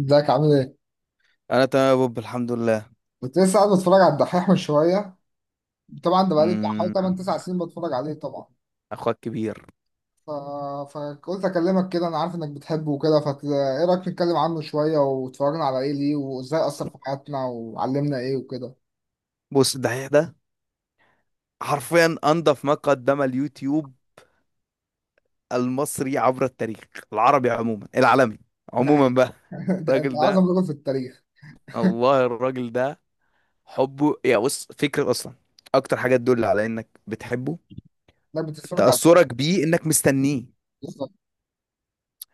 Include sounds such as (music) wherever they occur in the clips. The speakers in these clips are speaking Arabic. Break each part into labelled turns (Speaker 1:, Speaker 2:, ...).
Speaker 1: ازيك عامل ايه؟
Speaker 2: انا تمام يا بوب، الحمد لله.
Speaker 1: كنت لسه قاعد بتفرج على الدحيح من شويه. طبعا ده بقالي بتاع حوالي
Speaker 2: امم
Speaker 1: 8 9 سنين بتفرج عليه طبعا.
Speaker 2: اخوك كبير.
Speaker 1: ف... فقلت اكلمك كده، انا عارف انك بتحبه وكده. ايه رايك نتكلم عنه شويه واتفرجنا على ايه ليه وازاي اثر في حياتنا وعلمنا ايه وكده.
Speaker 2: بص، الدحيح ده حرفيا انضف ما قدم اليوتيوب المصري عبر التاريخ، العربي عموما، العالمي
Speaker 1: ده
Speaker 2: عموما
Speaker 1: حقيقة.
Speaker 2: بقى.
Speaker 1: (laughs) ده
Speaker 2: الراجل ده،
Speaker 1: اعظم رجل في التاريخ.
Speaker 2: الله، الراجل ده حبه، يا بص فكرة اصلا. اكتر حاجة تدل على انك بتحبه
Speaker 1: انك بتتفرج على.
Speaker 2: تأثرك بيه، انك مستنيه.
Speaker 1: بالظبط.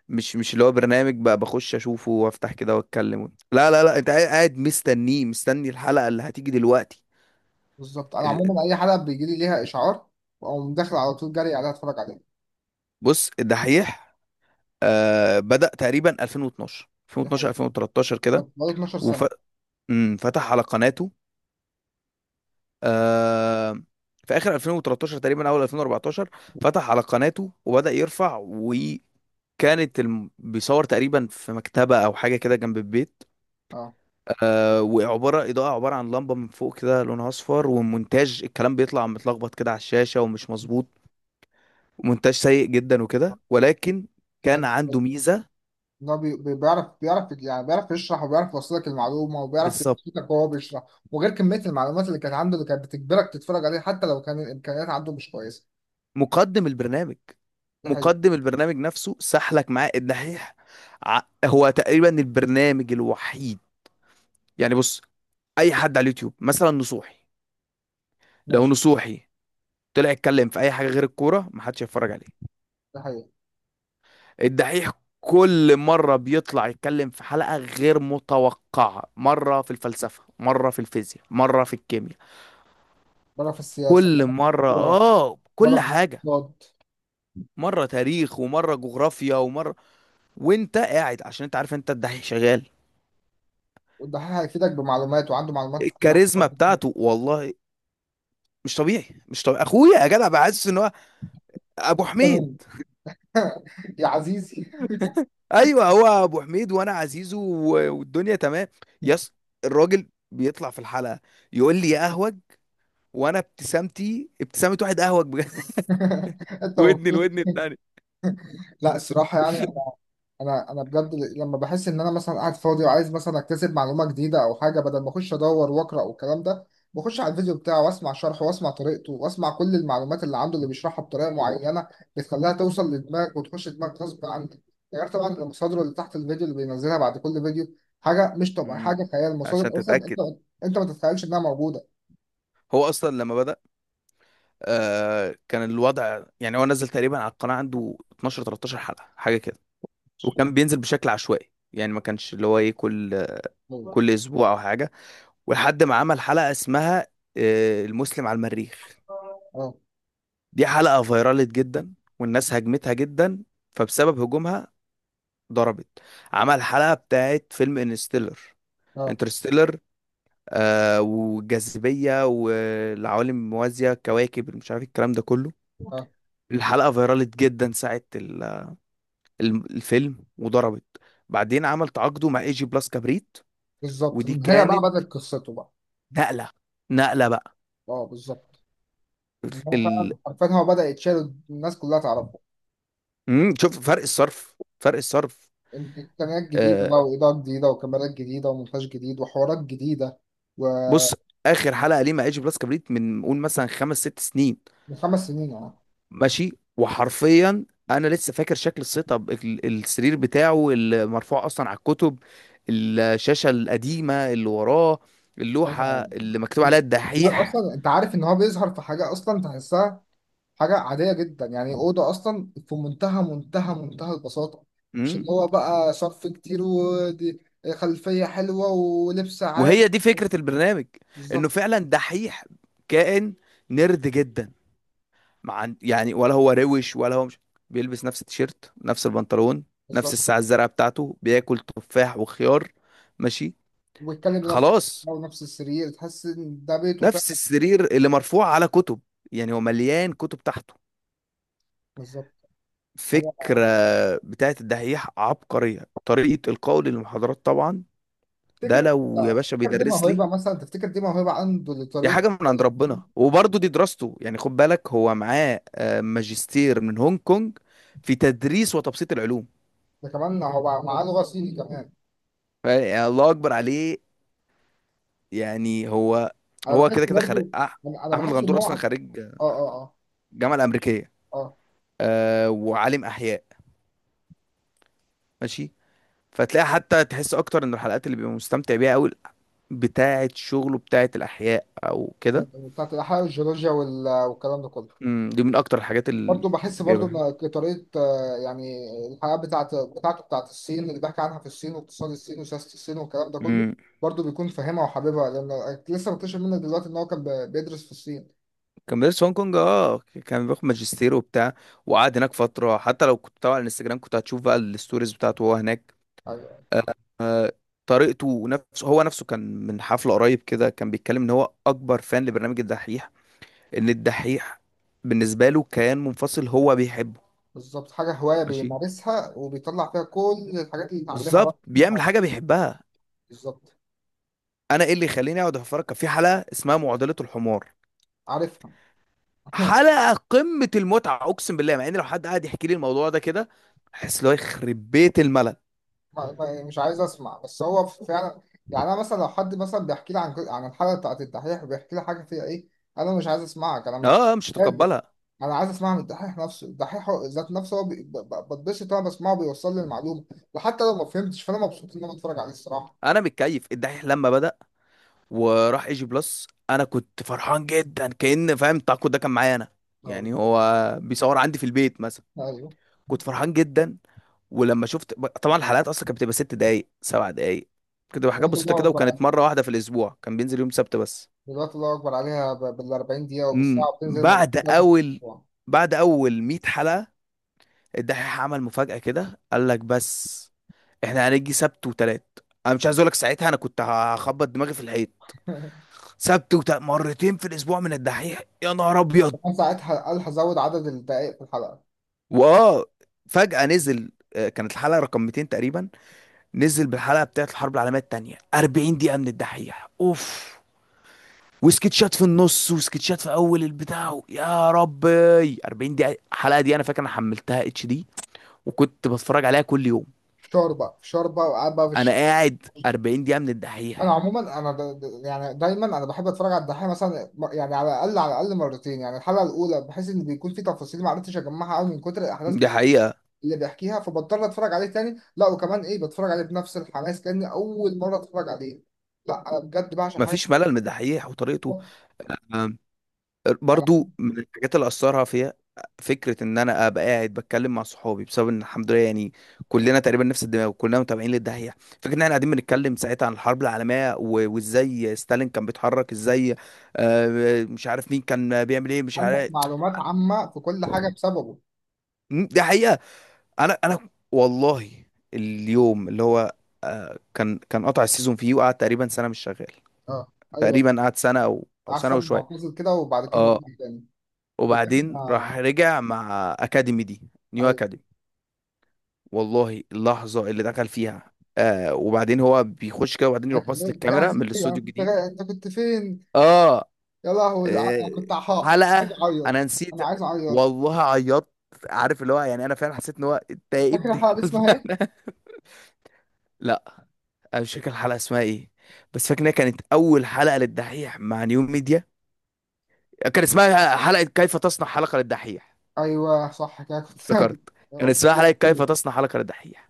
Speaker 2: مش اللي هو برنامج بقى بخش اشوفه وافتح كده واتكلم، لا لا لا، انت قاعد مستنيه، مستني الحلقة اللي هتيجي دلوقتي.
Speaker 1: بالظبط، انا
Speaker 2: ال-
Speaker 1: عموما اي حلقه بيجي لي ليها اشعار واقوم داخل على طول جري عليها اتفرج عليها.
Speaker 2: بص الدحيح بدأ تقريبا 2012
Speaker 1: ده
Speaker 2: 2012
Speaker 1: حقيقة.
Speaker 2: 2013 كده،
Speaker 1: طب بقالي 12 سنه.
Speaker 2: وفتح على قناته آه في آخر 2013 تقريبا أول 2014. فتح على قناته وبدأ يرفع، وكانت بيصور تقريبا في مكتبة أو حاجة كده جنب البيت.
Speaker 1: اه.
Speaker 2: وعبارة إضاءة، عبارة عن لمبة من فوق كده لونها أصفر، ومونتاج الكلام بيطلع متلخبط كده على الشاشة ومش مظبوط، مونتاج سيء جدا وكده، ولكن كان
Speaker 1: كان.
Speaker 2: عنده ميزة.
Speaker 1: إن هو بيعرف يعني بيعرف يشرح وبيعرف يوصلك المعلومة وبيعرف
Speaker 2: بالظبط.
Speaker 1: يشرحك وهو بيشرح. وغير كمية المعلومات اللي كانت عنده اللي كانت بتجبرك تتفرج عليه حتى لو كان الإمكانيات عنده مش كويسة.
Speaker 2: مقدم البرنامج،
Speaker 1: ده حقيقي.
Speaker 2: مقدم البرنامج نفسه سحلك معاه الدحيح. هو تقريبا البرنامج الوحيد، يعني بص، اي حد على اليوتيوب مثلا نصوحي، لو
Speaker 1: ماشي.
Speaker 2: نصوحي طلع يتكلم في اي حاجه غير الكوره محدش هيتفرج عليه.
Speaker 1: ده حقيقي.
Speaker 2: الدحيح كل مره بيطلع يتكلم في حلقه غير متوقعه، مره في الفلسفه، مره في الفيزياء، مره في الكيمياء،
Speaker 1: مرة في السياسة،
Speaker 2: كل
Speaker 1: مرة في
Speaker 2: مره،
Speaker 1: الكورة،
Speaker 2: اه،
Speaker 1: مرة
Speaker 2: كل
Speaker 1: في
Speaker 2: حاجه،
Speaker 1: الاقتصاد.
Speaker 2: مره تاريخ، ومره جغرافيا، ومره، وانت قاعد عشان انت عارف انت الدحيح شغال.
Speaker 1: والدحيح هيفيدك بمعلومات وعنده معلومات في كل
Speaker 2: الكاريزما
Speaker 1: حاجة. (laughs)
Speaker 2: بتاعته والله مش طبيعي، مش طبيعي، اخويا يا جدع، بحسس ان هو ابو حميد.
Speaker 1: تمام. يا عزيزي.
Speaker 2: (laughs) ايوه هو ابو حميد وانا عزيزه والدنيا تمام. يس. الراجل بيطلع في الحلقه يقول لي يا اهوج، وانا ابتسامتي ابتسامه واحد اهوج بجد. (laughs)
Speaker 1: (laughs) انت
Speaker 2: ودني
Speaker 1: مبسوط.
Speaker 2: الودن التاني.
Speaker 1: لا الصراحة يعني انا بجد لما بحس ان انا مثلا قاعد فاضي وعايز مثلا اكتسب معلومه جديده او حاجه، بدل ما اخش ادور واقرا والكلام ده بخش على الفيديو بتاعه واسمع شرحه واسمع طريقته واسمع كل المعلومات اللي عنده اللي بيشرحها بطريقه معينه بتخليها توصل لدماغك وتخش دماغك غصب عنك. يعني غير طبعا المصادر اللي تحت الفيديو اللي بينزلها بعد كل فيديو. حاجه مش طبيعيه،
Speaker 2: مم.
Speaker 1: حاجه خيال
Speaker 2: عشان
Speaker 1: مصادر، اصلا انت
Speaker 2: تتاكد،
Speaker 1: انت ما تتخيلش انها موجوده.
Speaker 2: هو اصلا لما بدا كان الوضع، يعني هو نزل تقريبا على القناه عنده 12 13 حلقه حاجه كده، وكان بينزل بشكل عشوائي، يعني ما كانش اللي هو ايه، كل
Speaker 1: اه،
Speaker 2: كل اسبوع او حاجه. ولحد ما عمل حلقة اسمها المسلم على المريخ. دي حلقة فيرالت جدا، والناس هاجمتها جدا، فبسبب هجومها ضربت. عمل حلقة بتاعت فيلم انستيلر،
Speaker 1: اه،
Speaker 2: انترستيلر، والجاذبية والعوالم الموازية، الكواكب، مش عارف الكلام ده كله.
Speaker 1: اه.
Speaker 2: الحلقة فيرالت جدا ساعة الفيلم، وضربت. بعدين عمل تعاقده مع اي جي بلاس كبريت،
Speaker 1: بالظبط
Speaker 2: ودي
Speaker 1: من هنا بقى
Speaker 2: كانت
Speaker 1: بدأت قصته بقى.
Speaker 2: نقلة، نقلة بقى.
Speaker 1: اه بالظبط، من هنا
Speaker 2: ال-
Speaker 1: فعلا حرفيا هو بدأ يتشال الناس كلها تعرفه.
Speaker 2: شوف فرق الصرف، فرق الصرف.
Speaker 1: انت امكانيات جديده
Speaker 2: آه
Speaker 1: بقى واضاءات جديده وكاميرات جديده ومونتاج جديد وحوارات جديده. ومن
Speaker 2: بص، اخر حلقه ليه مع ايجي بلس كبريت من قول مثلا خمس ست سنين،
Speaker 1: 5 سنين اه.
Speaker 2: ماشي. وحرفيا انا لسه فاكر شكل السيت اب، السرير بتاعه المرفوع اصلا على الكتب، الشاشه القديمه اللي وراه، اللوحه
Speaker 1: حاجه
Speaker 2: اللي مكتوب
Speaker 1: مش-
Speaker 2: عليها
Speaker 1: كمان
Speaker 2: الدحيح.
Speaker 1: اصلا انت عارف ان هو بيظهر في حاجه اصلا تحسها. حاجه عاديه جدا، يعني اوضه اصلا في منتهى منتهى منتهى البساطه. مش
Speaker 2: امم،
Speaker 1: اللي هو بقى صرف كتير، ودي خلفيه حلوه ولبس عالي.
Speaker 2: وهي دي فكره البرنامج، انه
Speaker 1: بالظبط.
Speaker 2: فعلا دحيح، كائن نرد جدا، ما عن... يعني ولا هو روش ولا هو مش، بيلبس نفس التيشيرت، نفس البنطلون، نفس
Speaker 1: بالظبط،
Speaker 2: الساعة الزرقاء بتاعته، بياكل تفاح وخيار، ماشي،
Speaker 1: وبيتكلم بنفسه.
Speaker 2: خلاص.
Speaker 1: هو نفس السرير، تحس ان ده بيته فعلا.
Speaker 2: نفس السرير اللي مرفوع على كتب، يعني هو مليان كتب تحته.
Speaker 1: بالظبط.
Speaker 2: فكرة بتاعت الدحيح عبقرية، طريقة القول للمحاضرات طبعا، ده
Speaker 1: تفتكر.
Speaker 2: لو يا باشا
Speaker 1: تفتكر دي
Speaker 2: بيدرس لي.
Speaker 1: موهبة، مثلا تفتكر دي موهبة عنده
Speaker 2: دي
Speaker 1: لطريقة
Speaker 2: حاجة من عند
Speaker 1: التفكير؟
Speaker 2: ربنا، وبرضه دي دراسته، يعني خد بالك هو معاه ماجستير من هونج كونج في تدريس وتبسيط العلوم.
Speaker 1: ده كمان هو معاه لغة صيني كمان.
Speaker 2: يعني الله اكبر عليه. يعني هو،
Speaker 1: أنا
Speaker 2: هو
Speaker 1: بحس
Speaker 2: كده كده خريج
Speaker 1: برضو. يعني أنا
Speaker 2: احمد
Speaker 1: بحس إن
Speaker 2: الغندور اصلا خريج
Speaker 1: آه، آه، آه.
Speaker 2: الجامعه الامريكيه،
Speaker 1: آه.
Speaker 2: وعالم احياء، ماشي. فتلاقي حتى تحس اكتر ان الحلقات اللي بيبقى مستمتع بيها قوي بتاعه شغله بتاعه الاحياء او كده.
Speaker 1: يعني بتاعت الأحياء والجيولوجيا والكلام ده كله.
Speaker 2: أمم، دي من اكتر الحاجات اللي
Speaker 1: برضو بحس برضو
Speaker 2: بيبقى.
Speaker 1: إن طريقة يعني الحياة بتاعت بتاعته بتاعت الصين اللي بحكي عنها، في الصين واقتصاد الصين وسياسة الصين والكلام ده كله.
Speaker 2: امم.
Speaker 1: برضو بيكون فاهمها وحاببها لأنه لسه مكتشف منه دلوقتي إن هو كان بيدرس في الصين.
Speaker 2: كان بيدرس في هونج كونج، كان بياخد ماجستير وبتاع، وقعد هناك فتره. حتى لو كنت تابع على الانستجرام كنت هتشوف بقى الستوريز بتاعته وهو هناك.
Speaker 1: أيوة.
Speaker 2: آه، طريقته، نفسه هو نفسه كان من حفله قريب كده كان بيتكلم ان هو اكبر فان لبرنامج الدحيح، ان الدحيح بالنسبه له كيان منفصل هو بيحبه.
Speaker 1: بالظبط، حاجة هواية
Speaker 2: ماشي.
Speaker 1: بيمارسها وبيطلع فيها كل الحاجات اللي اتعلمها بقى
Speaker 2: بالظبط بيعمل
Speaker 1: فيها.
Speaker 2: حاجه بيحبها.
Speaker 1: بالظبط.
Speaker 2: انا ايه اللي يخليني اقعد اتفرج؟ كان في حلقه اسمها معضله الحمار،
Speaker 1: عارفها.
Speaker 2: حلقه قمه المتعه، اقسم بالله. مع ان لو حد قاعد يحكي لي الموضوع ده كده احس اللي هو يخرب بيت الملل.
Speaker 1: ما مش عايز اسمع، بس هو فعلا يعني انا مثلا لو حد مثلا بيحكي لي عن الحلقة بتاعت الدحيح وبيحكي لي حاجة فيها ايه، انا مش عايز اسمعك، انا مش
Speaker 2: اه، مش
Speaker 1: مش قادر.
Speaker 2: هتقبلها.
Speaker 1: انا عايز اسمعها من الدحيح نفسه، الدحيح ذات نفسه هو بتبسط وانا بسمعه بيوصل لي المعلومة، وحتى لو ما فهمتش فانا مبسوط ان انا بتفرج عليه الصراحة.
Speaker 2: انا متكيف. الدحيح لما بدأ وراح اي جي بلس انا كنت فرحان جدا، كأن فاهم تاكو ده كان معايا انا،
Speaker 1: اه
Speaker 2: يعني
Speaker 1: بالظبط.
Speaker 2: هو بيصور عندي في البيت مثلا.
Speaker 1: ايوه.
Speaker 2: كنت فرحان جدا. ولما شفت طبعا، الحلقات اصلا كانت بتبقى 6 دقايق 7 دقايق، كانت بتبقى حاجات
Speaker 1: دلوقتي
Speaker 2: بسيطه
Speaker 1: الله
Speaker 2: كده،
Speaker 1: اكبر عليها.
Speaker 2: وكانت مره واحده في الاسبوع، كان بينزل يوم سبت بس.
Speaker 1: دلوقتي الله اكبر عليها بال 40 دقيقة
Speaker 2: امم،
Speaker 1: وبالساعة، وبتنزل
Speaker 2: بعد
Speaker 1: مرتين ثلاثة في
Speaker 2: اول
Speaker 1: الأسبوع.
Speaker 2: بعد اول 100 حلقه الدحيح عمل مفاجاه كده، قال لك، بس احنا هنيجي سبت وتلات. انا مش عايز اقول لك ساعتها انا كنت هخبط دماغي في الحيط. سبت وتلات، مرتين في الاسبوع من الدحيح، يا نهار ابيض.
Speaker 1: كمان ساعتها قال هزود عدد الدقائق في الحلقه.
Speaker 2: واه فجاه نزل، كانت الحلقه رقم 200 تقريبا، نزل بالحلقه بتاعت الحرب العالميه التانيه، 40 دقيقه من الدحيح اوف، وسكتشات في النص وسكتشات في اول البتاع، يا ربي، 40 دقيقه. الحلقه دي انا فاكر انا حملتها اتش دي، وكنت بتفرج عليها كل يوم.
Speaker 1: فشار بقى، فشار بقى وقاعد بقى في
Speaker 2: انا
Speaker 1: الشارع.
Speaker 2: قاعد 40 دقيقه من
Speaker 1: انا
Speaker 2: الدحيح.
Speaker 1: عموما انا يعني دايما انا بحب اتفرج على الدحيح مثلا، يعني على الاقل على الاقل مرتين، يعني الحلقه الاولى بحيث ان بيكون في تفاصيل ما عرفتش اجمعها قوي من كتر الاحداث،
Speaker 2: دي
Speaker 1: بس
Speaker 2: حقيقة.
Speaker 1: اللي بيحكيها فبضطر اتفرج عليه تاني. لا وكمان ايه، بتفرج عليه بنفس الحماس كاني اول مره اتفرج عليه. لا انا بجد بعشق حاجه
Speaker 2: مفيش ملل من الدحيح وطريقته.
Speaker 1: اسمها. أنا.
Speaker 2: برضو من الحاجات اللي اثرها فيها فكره ان انا ابقى قاعد بتكلم مع صحابي، بسبب ان الحمد لله يعني كلنا تقريبا نفس الدماغ وكلنا متابعين للداهيه. فكره ان احنا قاعدين بنتكلم ساعتها عن الحرب العالميه وازاي ستالين كان بيتحرك ازاي. مش عارف مين كان بيعمل ايه، مش
Speaker 1: عندك
Speaker 2: عارف.
Speaker 1: معلومات عامه في كل حاجه بسببه.
Speaker 2: مم، دي حقيقه. انا والله، اليوم اللي هو، كان كان قطع السيزون فيه، وقعد تقريبا سنه مش شغال،
Speaker 1: اه. ايوه،
Speaker 2: تقريبا قعد سنه او سنه
Speaker 1: احسن
Speaker 2: وشويه.
Speaker 1: معتزل كده وبعد كده
Speaker 2: اه،
Speaker 1: رجع تاني. بجد
Speaker 2: وبعدين راح رجع مع اكاديمي دي، نيو
Speaker 1: أيوه.
Speaker 2: اكاديمي. والله اللحظه اللي دخل فيها، وبعدين هو بيخش كده وبعدين يروح
Speaker 1: لكن،
Speaker 2: باص
Speaker 1: يا
Speaker 2: للكاميرا من
Speaker 1: عزيزي
Speaker 2: الاستوديو الجديد.
Speaker 1: انت كنت فين.
Speaker 2: اه
Speaker 1: يا لهوي
Speaker 2: آه،
Speaker 1: انا كنت عحاق عايز
Speaker 2: حلقه
Speaker 1: اعيط.
Speaker 2: انا نسيت.
Speaker 1: انا عايز اعيط.
Speaker 2: والله عيطت. عارف اللي هو، يعني انا فعلا حسيت ان هو انت يا
Speaker 1: فاكر
Speaker 2: ابن
Speaker 1: الحلقه دي
Speaker 2: الكلب.
Speaker 1: اسمها ايه.
Speaker 2: (laughs) لا، انا مش فاكر الحلقه اسمها ايه، بس فاكر انها كانت اول حلقه للدحيح مع نيو ميديا. كان اسمها حلقه كيف تصنع حلقه للدحيح.
Speaker 1: ايوه صح كده كنت
Speaker 2: افتكرت،
Speaker 1: (laughs)
Speaker 2: كان
Speaker 1: كنت
Speaker 2: اسمها حلقه كيف
Speaker 1: بحكي
Speaker 2: تصنع حلقه للدحيح.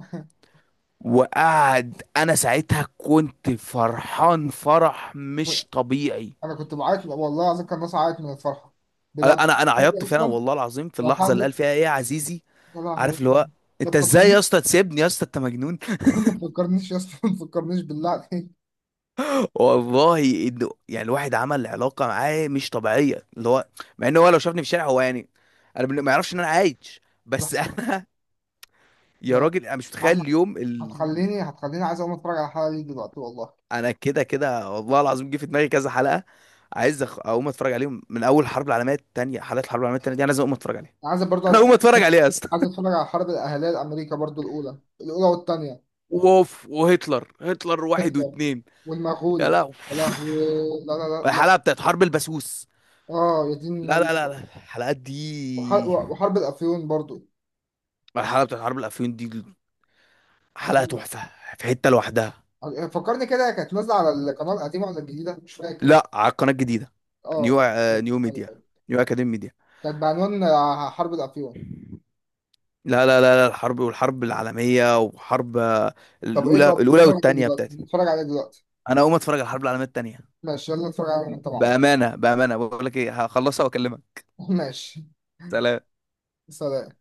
Speaker 2: وقعد انا ساعتها كنت فرحان فرح
Speaker 1: لك.
Speaker 2: مش طبيعي.
Speaker 1: انا كنت بعيط والله العظيم، كان الناس عيط من الفرحه. بجد
Speaker 2: انا انا أنا
Speaker 1: الحلقة دي
Speaker 2: عيطت فعلا
Speaker 1: اصلا.
Speaker 2: والله العظيم في
Speaker 1: الحلقه
Speaker 2: اللحظه اللي
Speaker 1: دي.
Speaker 2: قال فيها ايه يا عزيزي.
Speaker 1: يا
Speaker 2: عارف اللي
Speaker 1: لهوي.
Speaker 2: هو
Speaker 1: ما
Speaker 2: انت ازاي
Speaker 1: تفكرنيش.
Speaker 2: يا اسطى تسيبني، يا اسطى انت مجنون.
Speaker 1: (laughs) ما تفكرنيش يا اسطى، ما تفكرنيش بالله (laughs) عليك.
Speaker 2: (laughs) والله يعني الواحد عمل علاقه معاه مش طبيعيه، اللي هو مع ان هو لو شافني في الشارع هو يعني انا ما يعرفش ان انا عايش
Speaker 1: لا،
Speaker 2: بس. (laughs) انا،
Speaker 1: لا،
Speaker 2: يا
Speaker 1: لا.
Speaker 2: راجل انا مش
Speaker 1: يا
Speaker 2: متخيل
Speaker 1: عم،
Speaker 2: اليوم.
Speaker 1: هتخليني عايز اقوم اتفرج على الحلقه دي دلوقتي والله.
Speaker 2: انا كده كده والله العظيم جه في دماغي كذا حلقه، عايز اقوم اتفرج عليهم من اول الحرب العالميه الثانيه. حلقات الحرب العالميه الثانيه دي انا لازم اقوم اتفرج عليها.
Speaker 1: عايز
Speaker 2: (laughs)
Speaker 1: برضو
Speaker 2: انا اقوم اتفرج عليها يا اسطى.
Speaker 1: عايز اتفرج على الحرب الاهليه الامريكا برضو الاولى والثانيه.
Speaker 2: ووف، وهتلر، هتلر واحد
Speaker 1: هتلر
Speaker 2: واتنين. يا
Speaker 1: والمغول.
Speaker 2: لهوي.
Speaker 1: يا لهوي. لا، لا، لا،
Speaker 2: الحلقه
Speaker 1: لا.
Speaker 2: بتاعت حرب البسوس.
Speaker 1: اه يا دين
Speaker 2: لا
Speaker 1: النبي.
Speaker 2: لا لا لا، الحلقات دي
Speaker 1: وحرب الافيون برضو.
Speaker 2: الحلقه بتاعت حرب الافيون دي حلقه
Speaker 1: عظيم.
Speaker 2: تحفه في حته لوحدها.
Speaker 1: فكرني كده، كانت نازله على القناه القديمه ولا الجديده؟ مش فاكر.
Speaker 2: لا، على القناه الجديده، نيو
Speaker 1: اه. ايوه
Speaker 2: نيو ميديا،
Speaker 1: أيوة.
Speaker 2: نيو اكاديمي
Speaker 1: كانت بعنوان حرب الافيون.
Speaker 2: ميديا. لا لا لا لا، الحرب، والحرب العالمية وحرب،
Speaker 1: طب ايه،
Speaker 2: الأولى،
Speaker 1: طب
Speaker 2: الأولى
Speaker 1: نتفرج عليه
Speaker 2: والتانية
Speaker 1: دلوقتي،
Speaker 2: بتاعتي،
Speaker 1: نتفرج عليه دلوقتي.
Speaker 2: أنا أقوم أتفرج على الحرب العالمية التانية.
Speaker 1: ماشي يلا نتفرج عليه انت مع بعض.
Speaker 2: بأمانة، بأمانة بقول لك إيه، هخلصها وأكلمك.
Speaker 1: (laughs) ماشي.
Speaker 2: سلام
Speaker 1: سلام